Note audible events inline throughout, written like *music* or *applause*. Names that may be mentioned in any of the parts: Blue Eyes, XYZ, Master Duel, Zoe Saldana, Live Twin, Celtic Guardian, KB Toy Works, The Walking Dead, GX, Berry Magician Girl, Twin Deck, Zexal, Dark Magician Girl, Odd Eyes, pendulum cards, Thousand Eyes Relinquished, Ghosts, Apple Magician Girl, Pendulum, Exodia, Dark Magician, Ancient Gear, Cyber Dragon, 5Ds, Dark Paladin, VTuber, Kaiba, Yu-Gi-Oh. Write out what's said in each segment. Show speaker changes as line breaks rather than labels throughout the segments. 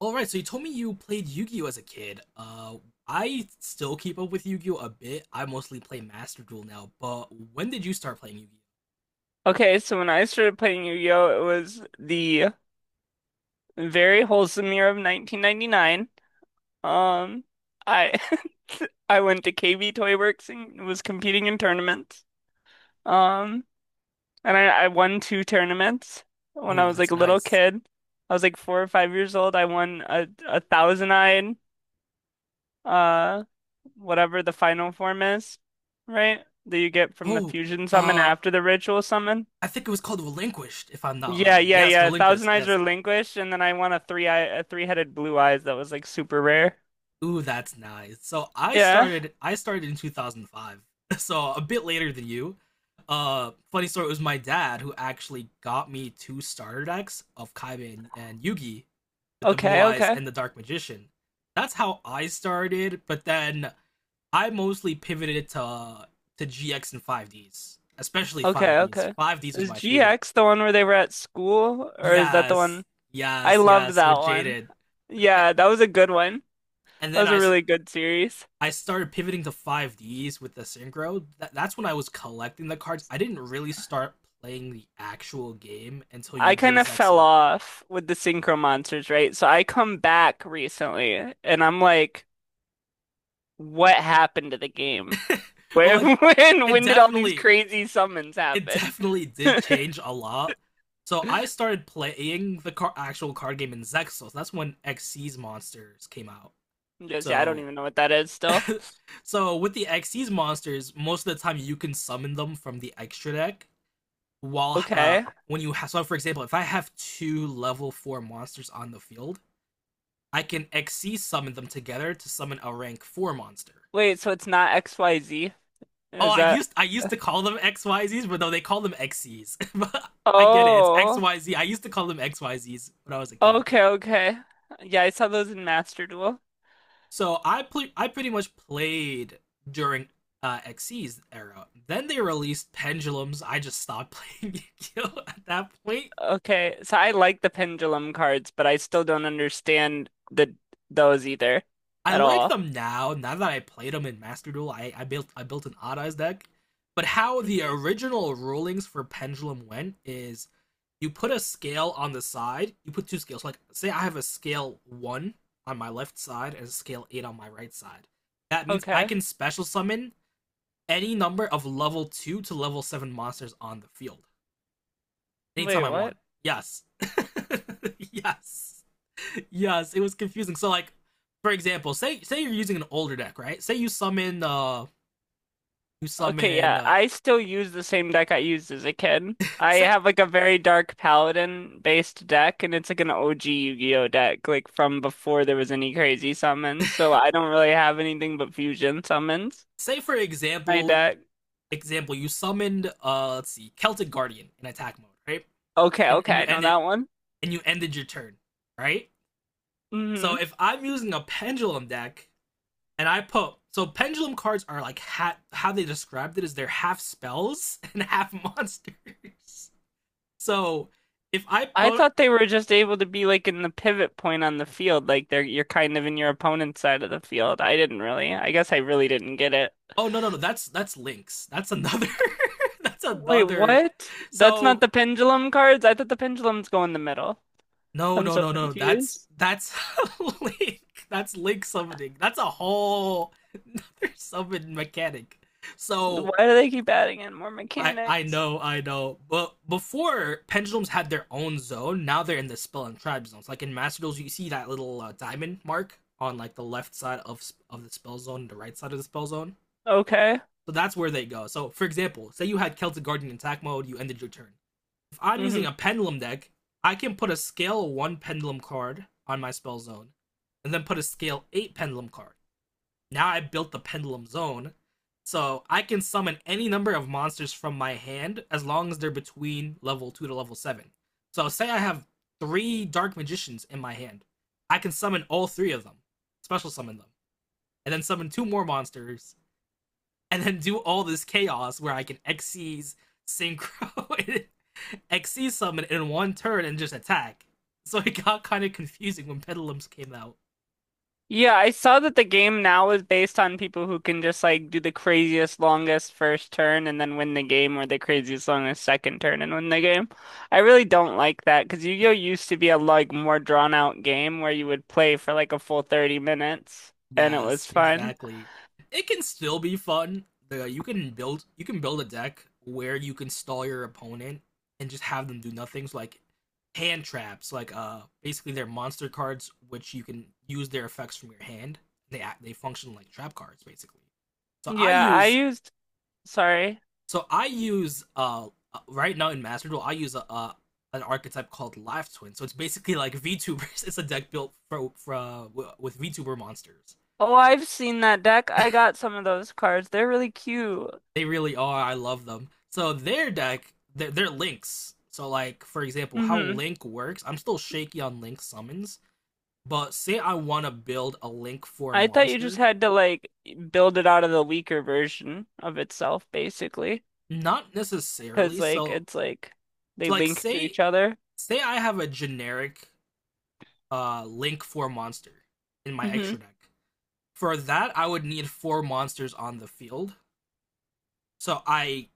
All right, so you told me you played Yu-Gi-Oh as a kid. I still keep up with Yu-Gi-Oh a bit. I mostly play Master Duel now, but when did you start playing Yu-Gi-Oh?
Okay, so when I started playing Yu-Gi-Oh, it was the very wholesome year of 1999. Um, I *laughs* I went to KB Toy Works and was competing in tournaments. Um, and I won two tournaments when
Oh,
I was like
that's
a little
nice.
kid. I was like 4 or 5 years old. I won a thousand-eyed, uh, whatever the final form is, right? That you get from the
Oh,
fusion summon
uh,
after the ritual summon.
I think it was called Relinquished, if I'm not
Yeah,
wrong.
yeah,
Yes,
yeah. Thousand
Relinquished.
Eyes
Yes.
Relinquished, and then I won a three-headed blue eyes that was like super rare.
Ooh, that's nice. So I
Yeah.
started I started in 2005. *laughs* So a bit later than you. Funny story, it was my dad who actually got me two starter decks of Kaiba and Yugi with the blue
Okay,
eyes
okay.
and the dark magician. That's how I started, but then I mostly pivoted to GX and 5Ds, especially
Okay,
5Ds.
okay.
5Ds was
Is
my favorite.
GX the one where they were at school, or is that the
Yes,
one? I
yes,
loved
yes,
that
with
one.
Jaded.
Yeah, that was a good one.
And
That
then
was
I
a
I
really good series.
started pivoting to 5Ds with the synchro. That's when I was collecting the cards. I didn't really start playing the actual game until
I
Yu-Gi-Oh!
kind of fell
Zexal.
off with the Synchro Monsters, right? So I come back recently, and I'm like, what happened to the game?
*laughs* well,
Where, *laughs*
it,
when,
it
when did all these
definitely
crazy summons
it
happen?
definitely did change a lot. So I started playing the actual card game in Zexos. That's when XC's monsters came out.
Just, yeah, I
So
don't
yeah.
even know what that is still.
So with the XC's monsters, most of the time you can summon them from the extra deck. While
Okay.
when you have, so for example, if I have two level four monsters on the field, I can XC summon them together to summon a rank four monster.
Wait, so it's not XYZ?
Oh,
Is that?
I used to call them XYZs, but no, they call them XCs. *laughs* But I get it. It's
Oh.
XYZ. I used to call them XYZs when I was a kid.
Okay, okay. Yeah, I saw those in Master Duel.
So I pretty much played during XC's era. Then they released Pendulums. I just stopped *laughs* playing Yu-Gi-Oh at that point.
Okay, so I like the pendulum cards, but I still don't understand the those either
I
at
like
all.
them now. Now that I played them in Master Duel, I built an Odd Eyes deck. But how the
Hmm.
original rulings for Pendulum went is you put a scale on the side. You put two scales. Like say I have a scale one on my left side and a scale eight on my right side. That means I
Okay.
can special summon any number of level two to level seven monsters on the field anytime
Wait,
I
what?
want. Yes, *laughs* yes. Yes, it was confusing. So like, for example, say you're using an older deck, right? Say you
Okay,
summon
yeah, I still use the same deck I used as a kid. I
say
have like a very dark paladin based deck, and it's like an OG Yu-Gi-Oh deck, like from before there was any crazy summons. So I don't really have anything but fusion summons
say for
in my
example
deck.
example you summoned let's see Celtic Guardian in attack mode, right?
Okay,
And
okay,
and you
I know
ended
that one.
and you ended your turn, right? So
hmm
if I'm using a pendulum deck and I put, so pendulum cards are like how they described it is they're half spells *laughs* and half monsters. *laughs* So if I
I
put.
thought they were just able to be like in the pivot point on the field, like they're you're kind of in your opponent's side of the field. I didn't really. I guess I really didn't get it.
Oh no, that's that's Lynx. That's another *laughs* that's
Wait,
another,
what? That's not
so
the pendulum cards? I thought the pendulums go in the middle.
no
I'm
no
so
no no that's
confused.
that's *laughs* Link. That's Link summoning. That's a whole another *laughs* summon mechanic. So
Why do they keep adding in more mechanics?
I know. But before pendulums had their own zone, now they're in the spell and tribe zones. Like in Master Duels, you see that little diamond mark on like the left side of the spell zone and the right side of the spell zone.
Okay.
So that's where they go. So for example, say you had Celtic Guardian in attack mode, you ended your turn. If I'm
Hmm.
using a pendulum deck, I can put a scale one pendulum card on my spell zone, and then put a scale eight pendulum card. Now I built the pendulum zone, so I can summon any number of monsters from my hand as long as they're between level two to level seven. So say I have three dark magicians in my hand. I can summon all three of them, special summon them, and then summon two more monsters, and then do all this chaos where I can Xyz, synchro, *laughs* exceed summon in one turn and just attack. So it got kind of confusing when Pedalums came out.
Yeah, I saw that the game now is based on people who can just like do the craziest longest first turn and then win the game, or the craziest longest second turn and win the game. I really don't like that because Yu-Gi-Oh used to be a like more drawn out game where you would play for like a full 30 minutes and it was
Yes,
fun.
exactly. It can still be fun. You can build a deck where you can stall your opponent and just have them do nothing. So like hand traps, like basically they're monster cards which you can use their effects from your hand. They function like trap cards basically. So
Yeah, I used. Sorry.
I use right now in Master Duel, I use an archetype called Live Twin. So it's basically like *laughs* VTubers. It's a deck built for with VTuber monsters.
Oh, I've seen that deck. I got some of those cards. They're really cute.
They really are. I love them. So their deck, they're links. So like for example, how
hmm
Link works. I'm still shaky on Link summons, but say I want to build a Link Four
I thought you just
monster,
had to like build it out of the weaker version of itself, basically,
not
because
necessarily.
like
So
it's like they
so like
link to
say
each other.
say I have a generic Link Four monster in my
Hmm.
extra deck. For that, I would need four monsters on the field. So I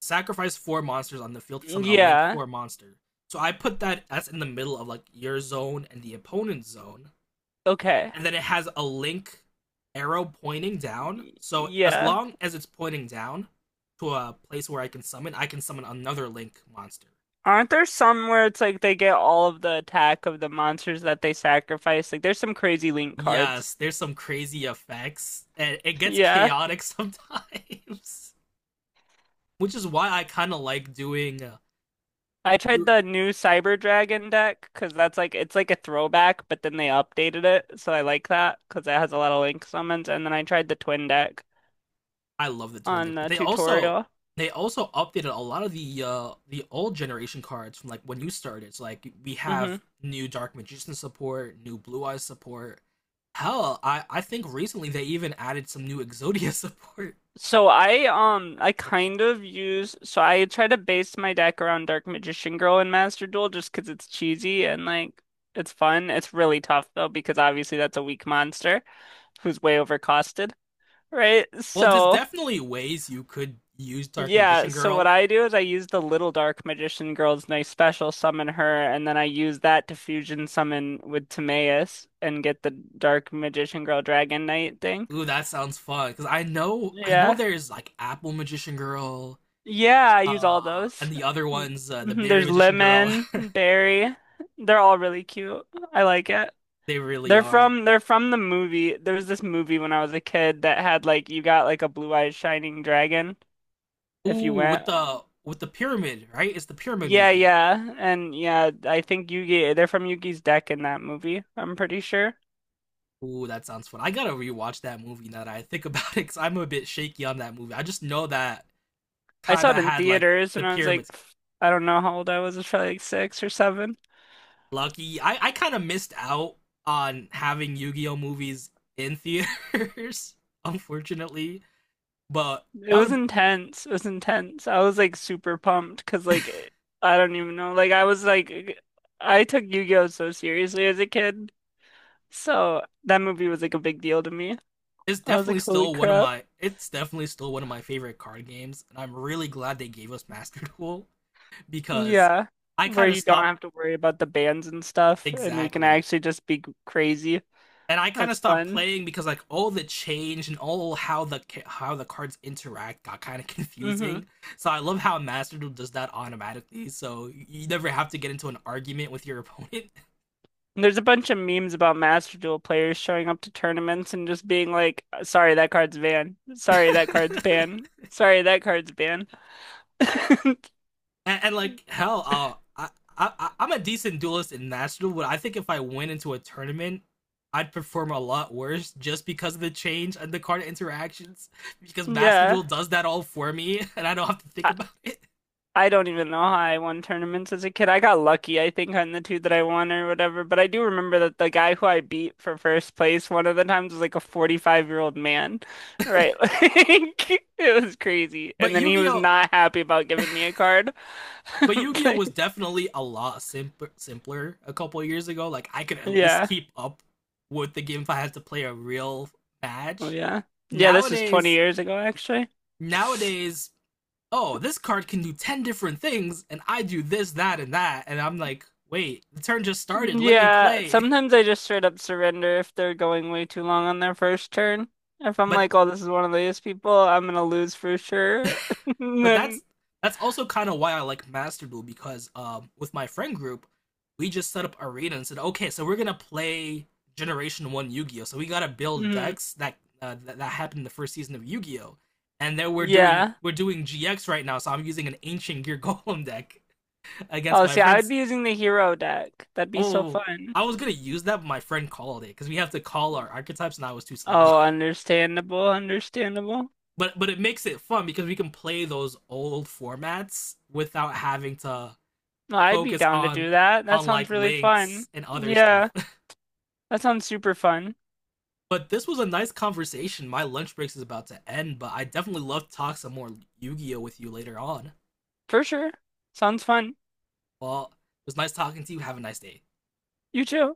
sacrifice four monsters on the field to summon a Link
Yeah.
4 monster. So I put that as in the middle of like your zone and the opponent's zone.
Okay.
And then it has a Link arrow pointing down. So as
Yeah.
long as it's pointing down to a place where I can summon another Link monster.
Aren't there some where it's like they get all of the attack of the monsters that they sacrifice? Like there's some crazy link cards.
Yes, there's some crazy effects, and it gets
Yeah.
chaotic sometimes, *laughs* which is why I kind of like doing
I tried
do
the new Cyber Dragon deck because that's like it's like a throwback, but then they updated it, so I like that because it has a lot of link summons. And then I tried the twin deck
I love the Twin Deck,
on
but
the
they also
tutorial.
they also updated a lot of the old generation cards from like when you started. So like we have
hmm
new Dark Magician support, new Blue Eyes support. Hell, I think recently they even added some new Exodia *laughs* support.
So I kind of use, so I try to base my deck around Dark Magician Girl and Master Duel just because it's cheesy and like it's fun. It's really tough though because obviously that's a weak monster who's way overcosted, right?
Well, there's
So
definitely ways you could use Dark
yeah,
Magician
so what
Girl.
I do is I use the little Dark Magician Girl's nice special summon her, and then I use that to fusion summon with Timaeus and get the Dark Magician Girl Dragon Knight thing.
Ooh, that sounds fun because I know
Yeah.
there's like Apple Magician Girl,
Yeah, I use all those.
and the other
Mm,
ones, the
mhm.
Berry
There's
Magician Girl.
lemon, berry. They're all really cute. I like it.
*laughs* they really
They're
are.
from they're from the movie. There was this movie when I was a kid that had like you got like a blue-eyed shining dragon if you
Ooh,
went.
with the pyramid, right? It's the pyramid
Yeah,
movie.
yeah. And yeah, I think Yugi they're from Yugi's deck in that movie. I'm pretty sure.
Ooh, that sounds fun. I gotta rewatch that movie now that I think *laughs* about it, because I'm a bit shaky on that movie. I just know that
I saw
Kaiba
it in
had like
theaters,
the
and I was like,
pyramids.
I don't know how old I was. It was probably like 6 or 7.
Lucky, I kind of missed out on having Yu-Gi-Oh movies in theaters, *laughs* unfortunately. But
It
that
was
would.
intense. It was intense. I was like super pumped because like I don't even know. Like I was like I took Yu-Gi-Oh so seriously as a kid. So that movie was like a big deal to me.
it's
I was
definitely
like, holy
still one of
crap.
my it's definitely still one of my favorite card games, and I'm really glad they gave us Master *laughs* Duel because
Yeah.
I
Where
kind of
you don't
stopped
have to worry about the bans and stuff and we can
exactly
actually just be crazy.
I kind of
That's
stopped
fun.
playing because like all the change and all how the cards interact got kind of *laughs*
hmm
confusing. So I love how Master Duel does that automatically, so you never have to get into an argument with your opponent.
There's a bunch of memes about Master Duel players showing up to tournaments and just being like, sorry, that card's ban. Sorry, that card's
*laughs*
ban. Sorry, that card's ban. *laughs*
Like hell, I I'm a decent duelist in Master Duel, but I think if I went into a tournament, I'd perform a lot worse just because of the change and the card interactions because Master
Yeah.
Duel does that all for me *laughs* and I don't have to think
I,
about it.
I don't even know how I won tournaments as a kid. I got lucky, I think, on the two that I won or whatever. But I do remember that the guy who I beat for first place one of the times was like a 45-year-old man, right? *laughs* Like, it was crazy.
But
And then he was
Yu-Gi-Oh
not happy about giving me a card. *laughs*
But Yu-Gi-Oh
Like,
was definitely a lot simpler, simpler a couple years ago. Like I could at least
yeah.
keep up with the game if I had to play a real
Well,
match.
yeah. Yeah, this was 20
Nowadays,
years ago, actually.
nowadays, oh, this card can do ten different things, and I do this, that, and that, and I'm like, wait, the turn just started. Let me
Yeah,
play. *laughs*
sometimes I just straight up surrender if they're going way too long on their first turn. If I'm
But
like, oh, this is one of these people, I'm gonna lose for sure. *laughs* And
But
then,
that's that's also kind of why I like Master Duel because with my friend group, we just set up arena and said, okay, so we're gonna play Generation One Yu-Gi-Oh. So we gotta build
mhm.
decks that that happened in the first season of Yu-Gi-Oh. And then we're doing
Yeah.
we're doing GX right now, so I'm using an Ancient Gear *laughs* Golem deck against
Oh,
my
see, I would
friends.
be using the hero deck. That'd be so
Oh,
fun.
I was gonna use that, but my friend called it because we have to call our archetypes, and I was too slow.
Oh, understandable, understandable.
*laughs* But it makes it fun because we can play those old formats without having to
No, I'd be
focus
down to
on
do that. That sounds
like
really fun.
links and other
Yeah,
stuff. *laughs*
that sounds super fun.
But this was a nice conversation. My lunch break is about to end, but I definitely love to talk some more Yu-Gi-Oh with you later on.
For sure. Sounds fun.
Well, it was nice talking to you. Have a nice day.
You too.